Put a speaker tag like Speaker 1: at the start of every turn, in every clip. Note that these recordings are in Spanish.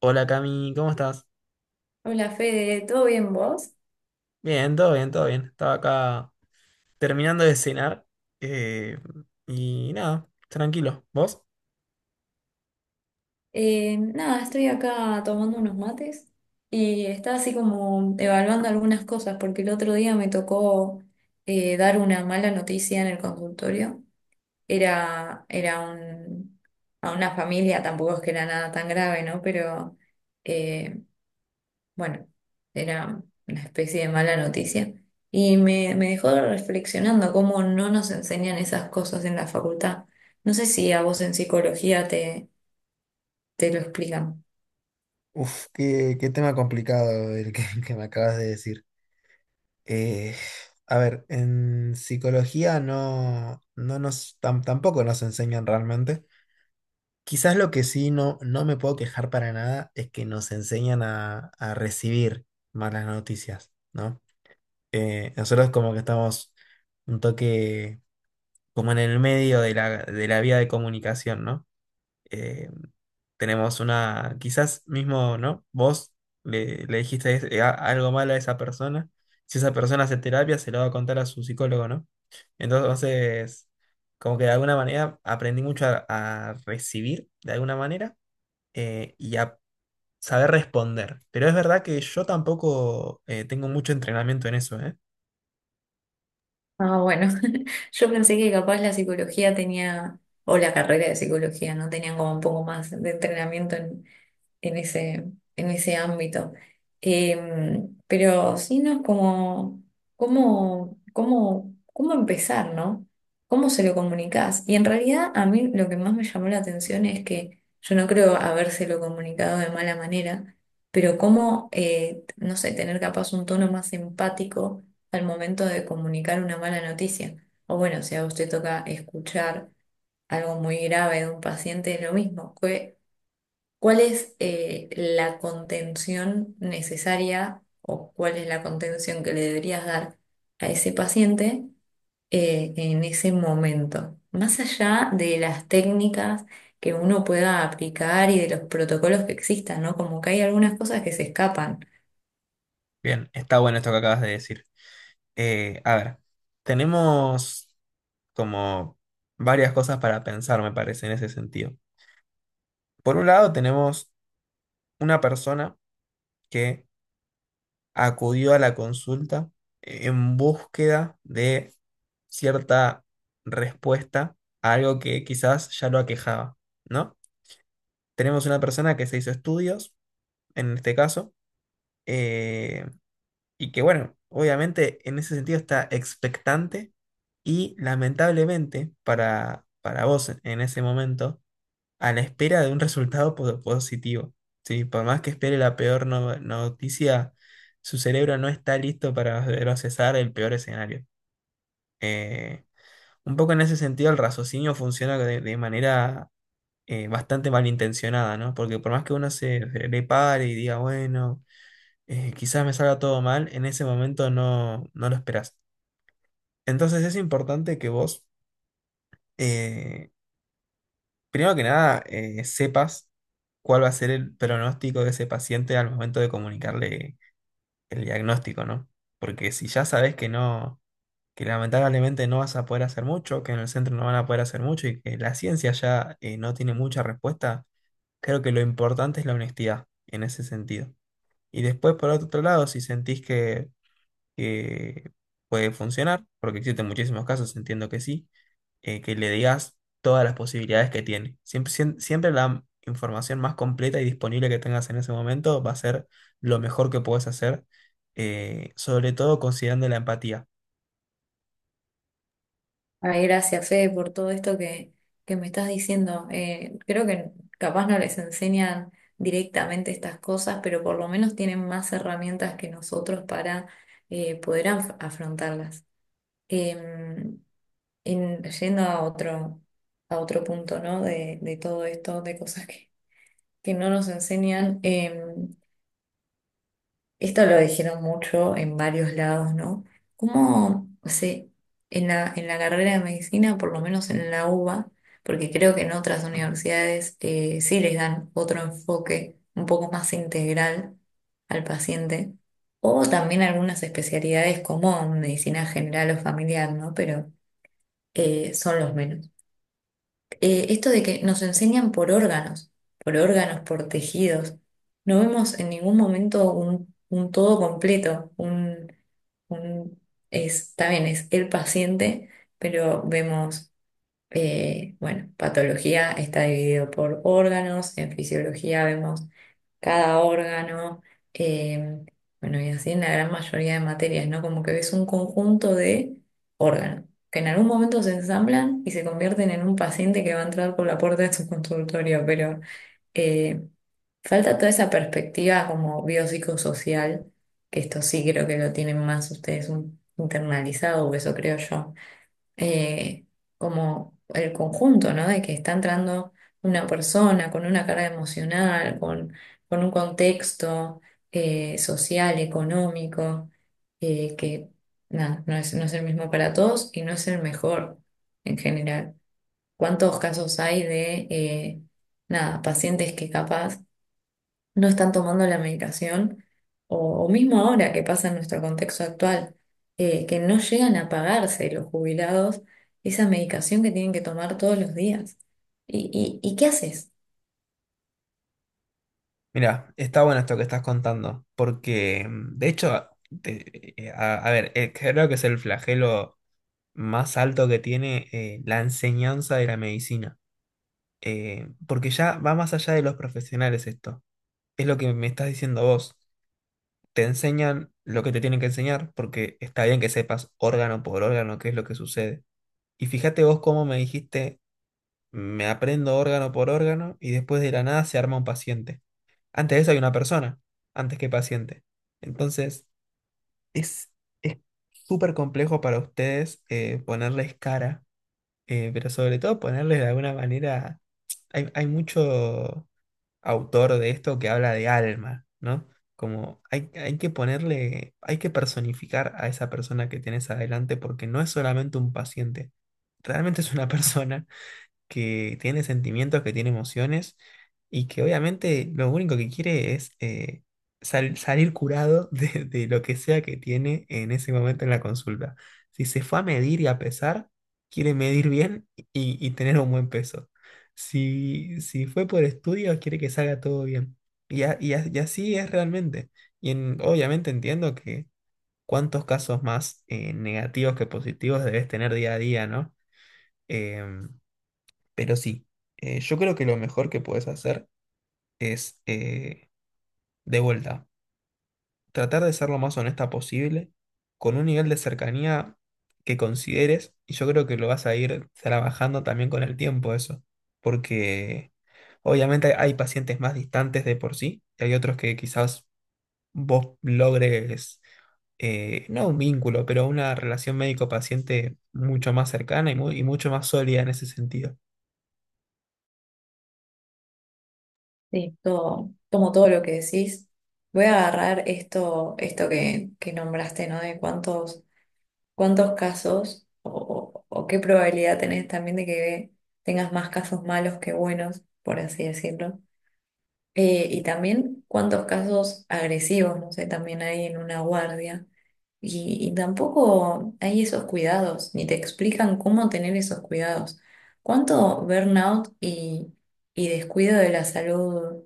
Speaker 1: Hola Cami, ¿cómo estás?
Speaker 2: Hola Fede, ¿todo bien vos?
Speaker 1: Bien, todo bien, todo bien. Estaba acá terminando de cenar eh, y nada, tranquilo. ¿Vos?
Speaker 2: Nada, estoy acá tomando unos mates y estaba así como evaluando algunas cosas porque el otro día me tocó dar una mala noticia en el consultorio. Era, era un- a una familia, tampoco es que era nada tan grave, ¿no? Pero eh, bueno, era una especie de mala noticia. Y me dejó reflexionando cómo no nos enseñan esas cosas en la facultad. No sé si a vos en psicología te lo explican.
Speaker 1: Uf, qué tema complicado el que, que me acabas de decir. Eh, a ver, en psicología tampoco nos enseñan realmente. Quizás lo que sí no me puedo quejar para nada es que nos enseñan a recibir malas noticias, ¿no? Nosotros como que estamos un toque como en el medio de de la vía de comunicación, ¿no? Eh, tenemos una, quizás mismo, ¿no? Vos le dijiste algo mal a esa persona. Si esa persona hace terapia, se lo va a contar a su psicólogo, ¿no? Entonces, como que de alguna manera aprendí mucho a recibir, de alguna manera, y a saber responder. Pero es verdad que yo tampoco tengo mucho entrenamiento en eso, ¿eh?
Speaker 2: Ah, bueno, yo pensé que capaz la psicología tenía, o la carrera de psicología, ¿no? Tenían como un poco más de entrenamiento en, en ese, en ese ámbito. Pero sí, ¿no? Es como, ¿cómo empezar, ¿no? ¿Cómo se lo comunicás? Y en realidad a mí lo que más me llamó la atención es que yo no creo habérselo comunicado de mala manera, pero cómo, no sé, tener capaz un tono más empático al momento de comunicar una mala noticia. O bueno, si a usted toca escuchar algo muy grave de un paciente, es lo mismo. ¿Cuál es la contención necesaria o cuál es la contención que le deberías dar a ese paciente en ese momento? Más allá de las técnicas que uno pueda aplicar y de los protocolos que existan, ¿no? Como que hay algunas cosas que se escapan.
Speaker 1: Bien, está bueno esto que acabas de decir. A ver, tenemos como varias cosas para pensar, me parece, en ese sentido. Por un lado, tenemos una persona que acudió a la consulta en búsqueda de cierta respuesta a algo que quizás ya lo aquejaba, ¿no? Tenemos una persona que se hizo estudios, en este caso, eh, y que, bueno, obviamente en ese sentido está expectante y lamentablemente para vos en ese momento a la espera de un resultado positivo. Sí, por más que espere la peor noticia, su cerebro no está listo para procesar el peor escenario. Eh, un poco en ese sentido, el raciocinio funciona de manera bastante malintencionada, ¿no? Porque por más que uno se le pare y diga, bueno, quizás me salga todo mal, en ese momento no lo esperas. Entonces es importante que vos eh, Primero que nada, sepas cuál va a ser el pronóstico de ese paciente al momento de comunicarle el diagnóstico, ¿no? Porque si ya sabes que no, que lamentablemente no vas a poder hacer mucho, que en el centro no van a poder hacer mucho y que la ciencia ya no tiene mucha respuesta, creo que lo importante es la honestidad en ese sentido. Y después, por otro lado, si sentís que puede funcionar, porque existen muchísimos casos, entiendo que sí, que le digas todas las posibilidades que tiene. Siempre la información más completa y disponible que tengas en ese momento va a ser lo mejor que puedes hacer, sobre todo considerando la empatía.
Speaker 2: Ay, gracias, Fede, por todo esto que me estás diciendo. Creo que capaz no les enseñan directamente estas cosas, pero por lo menos tienen más herramientas que nosotros para poder afrontarlas. Em, Yendo a otro punto, ¿no? De todo esto, de cosas que no nos enseñan. Esto lo dijeron mucho en varios lados, ¿no? ¿Cómo se, en la, en la carrera de medicina, por lo menos en la UBA, porque creo que en otras universidades sí les dan otro enfoque un poco más integral al paciente, o también algunas especialidades como medicina general o familiar, ¿no? Pero son los menos. Esto de que nos enseñan por órganos, por órganos, por tejidos, no vemos en ningún momento un todo completo, un- es, está bien, es el paciente, pero vemos, bueno, patología está dividido por órganos, en fisiología vemos cada órgano, eh, bueno, y así en la gran mayoría de materias, ¿no? Como que ves un conjunto de órganos que en algún momento se ensamblan y se convierten en un paciente que va a entrar por la puerta de su consultorio, pero eh, falta toda esa perspectiva como biopsicosocial, que esto sí creo que lo tienen más ustedes internalizado, o eso creo yo eh, como el conjunto, ¿no? De que está entrando una persona con una carga emocional, con un contexto social, económico, que nada, no es el mismo para todos y no es el mejor en general. ¿Cuántos casos hay de, nada, pacientes que capaz no están tomando la medicación, o mismo ahora que pasa en nuestro contexto actual, que no llegan a pagarse los jubilados esa medicación que tienen que tomar todos los días. Y qué haces?
Speaker 1: Mira, está bueno esto que estás contando, porque de hecho, a ver, creo que es el flagelo más alto que tiene la enseñanza de la medicina porque ya va más allá de los profesionales esto. Es lo que me estás diciendo vos. Te enseñan lo que te tienen que enseñar, porque está bien que sepas órgano por órgano qué es lo que sucede. Y fíjate vos cómo me dijiste, me aprendo órgano por órgano y después de la nada se arma un paciente. Antes de eso hay una persona, antes que paciente. Entonces, es es súper complejo para ustedes ponerles cara, pero sobre todo ponerles de alguna manera. Hay mucho autor de esto que habla de alma, ¿no? Como hay que ponerle, hay que personificar a esa persona que tienes adelante porque no es solamente un paciente, realmente es una persona que tiene sentimientos, que tiene emociones y que obviamente lo único que quiere es salir curado de lo que sea que tiene en ese momento en la consulta. Si se fue a medir y a pesar, quiere medir bien y tener un buen peso. Si, si fue por estudios, quiere que salga todo bien. Y así es realmente. Obviamente entiendo que cuántos casos más negativos que positivos debes tener día a día, ¿no? Em, pero sí, yo creo que lo mejor que puedes hacer es, de vuelta, tratar de ser lo más honesta posible, con un nivel de cercanía que consideres, y yo creo que lo vas a ir trabajando también con el tiempo eso, porque obviamente hay pacientes más distantes de por sí, y hay otros que quizás vos logres, no un vínculo, pero una relación médico-paciente mucho más cercana y, y mucho más sólida en ese sentido.
Speaker 2: Sí, tomo todo lo que decís. Voy a agarrar esto, esto que nombraste, ¿no? De cuántos, cuántos casos o qué probabilidad tenés también de que tengas más casos malos que buenos, por así decirlo. Y también cuántos casos agresivos, no sé, también hay en una guardia. Y tampoco hay esos cuidados, ni te explican cómo tener esos cuidados. ¿Cuánto burnout y descuido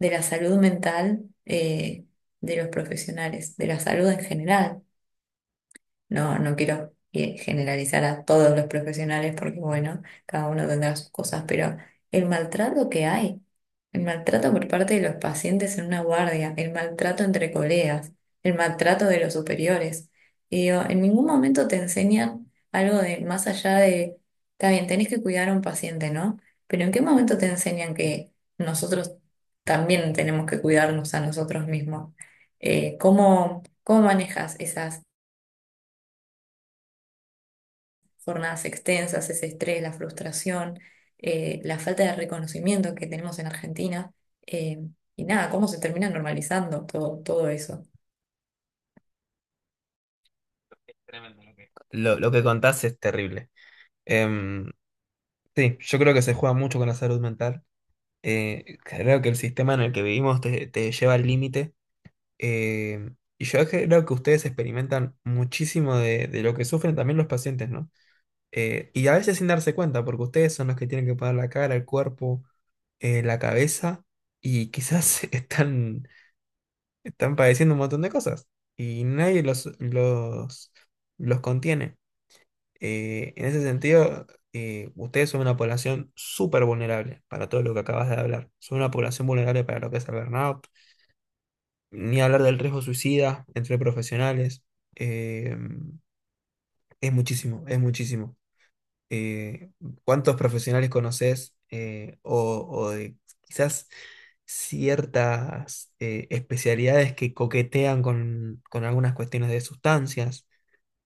Speaker 2: de la salud mental de los profesionales, de la salud en general? No quiero generalizar a todos los profesionales porque, bueno, cada uno tendrá sus cosas, pero el maltrato que hay, el maltrato por parte de los pacientes en una guardia, el maltrato entre colegas, el maltrato de los superiores. Y digo, en ningún momento te enseñan algo de más allá de, está bien, tenés que cuidar a un paciente, ¿no? Pero ¿en qué momento te enseñan que nosotros también tenemos que cuidarnos a nosotros mismos? ¿Cómo cómo manejas esas jornadas extensas, ese estrés, la frustración, la falta de reconocimiento que tenemos en Argentina. eh, y nada, cómo se termina normalizando todo, todo eso.
Speaker 1: Es tremendo lo que lo que contás es terrible. Em, sí, yo creo que se juega mucho con la salud mental. Creo que el sistema en el que vivimos te lleva al límite. Eh, y yo creo que ustedes experimentan muchísimo de lo que sufren también los pacientes, ¿no? Y a veces sin darse cuenta, porque ustedes son los que tienen que poner la cara, el cuerpo, la cabeza, y quizás están padeciendo un montón de cosas. Y nadie los contiene. En ese sentido, ustedes son una población súper vulnerable para todo lo que acabas de hablar. Son una población vulnerable para lo que es el burnout, ni hablar del riesgo suicida entre profesionales. Eh, es muchísimo, es muchísimo. Eh, ¿Cuántos profesionales conoces o de quizás ciertas especialidades que coquetean con algunas cuestiones de sustancias?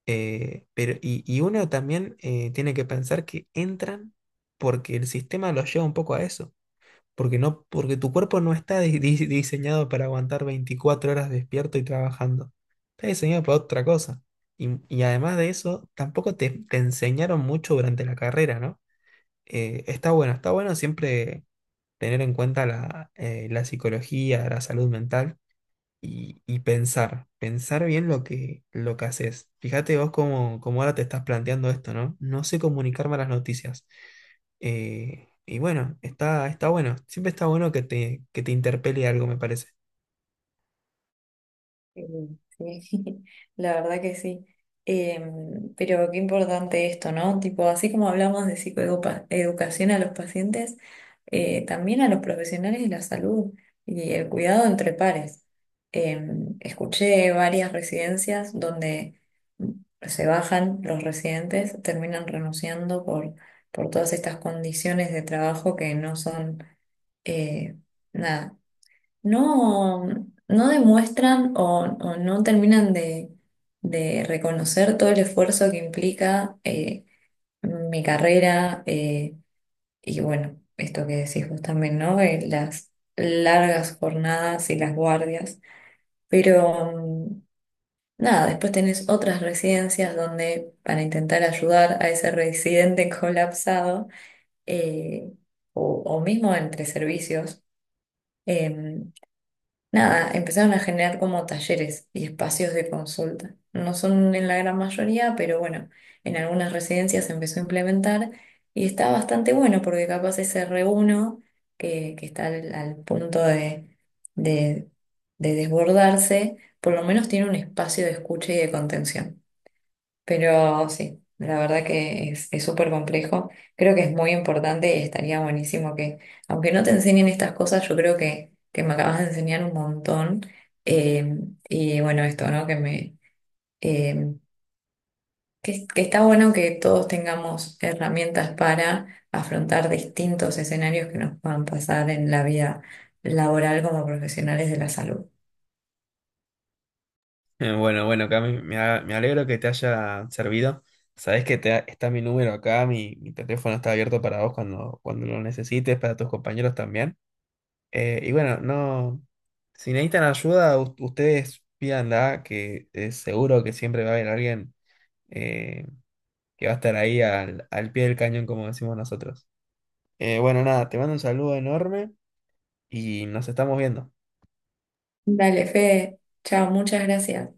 Speaker 1: Pero, y uno también tiene que pensar que entran porque el sistema los lleva un poco a eso. Porque, no, porque tu cuerpo no está diseñado para aguantar 24 horas despierto y trabajando. Está diseñado para otra cosa. Y además de eso, tampoco te enseñaron mucho durante la carrera, ¿no? Está bueno, está bueno siempre tener en cuenta la psicología, la salud mental y pensar, pensar bien lo que haces. Fíjate vos cómo, cómo ahora te estás planteando esto, ¿no? No sé comunicar malas noticias. Y bueno, está, está bueno. Siempre está bueno que te interpele algo, me parece.
Speaker 2: Sí, sí, la verdad que sí. Pero qué importante esto, ¿no? Tipo, así como hablamos de psicoeducación a los pacientes, también a los profesionales de la salud y el cuidado entre pares. Escuché varias residencias donde mm, se bajan los residentes, terminan renunciando por todas estas condiciones de trabajo que no son, eh, nada, no, no demuestran o no terminan de reconocer todo el esfuerzo que implica mi carrera y bueno, esto que decís vos también, ¿no? Las largas jornadas y las guardias. Pero nada, después tenés otras residencias donde para intentar ayudar a ese residente colapsado eh, o mismo entre servicios. em, Nada, empezaron a generar como talleres y espacios de consulta. No son en la gran mayoría, pero bueno, en algunas residencias se empezó a implementar y está bastante bueno porque capaz ese reuno que está al, al punto de, de de desbordarse, por lo menos tiene un espacio de escucha y de contención. Pero sí, la verdad que es súper complejo. Creo que es muy importante y estaría buenísimo que, aunque no te enseñen estas cosas, yo creo que me acabas de enseñar un montón. Eh, y bueno, esto, ¿no? Que me, eh, que está bueno que todos tengamos herramientas para afrontar distintos escenarios que nos puedan pasar en la vida laboral como profesionales de la salud.
Speaker 1: Bueno, bueno, Cami, me alegro que te haya servido. Sabés que está mi número acá, mi teléfono está abierto para vos cuando, cuando lo necesites, para tus compañeros también. Y bueno, no, si necesitan ayuda, ustedes pídanla, que es seguro que siempre va a haber alguien eh, que va a estar ahí al, al pie del cañón, como decimos nosotros. Bueno, nada, te mando un saludo enorme y nos estamos viendo.
Speaker 2: Dale, Fede. Chao, muchas gracias.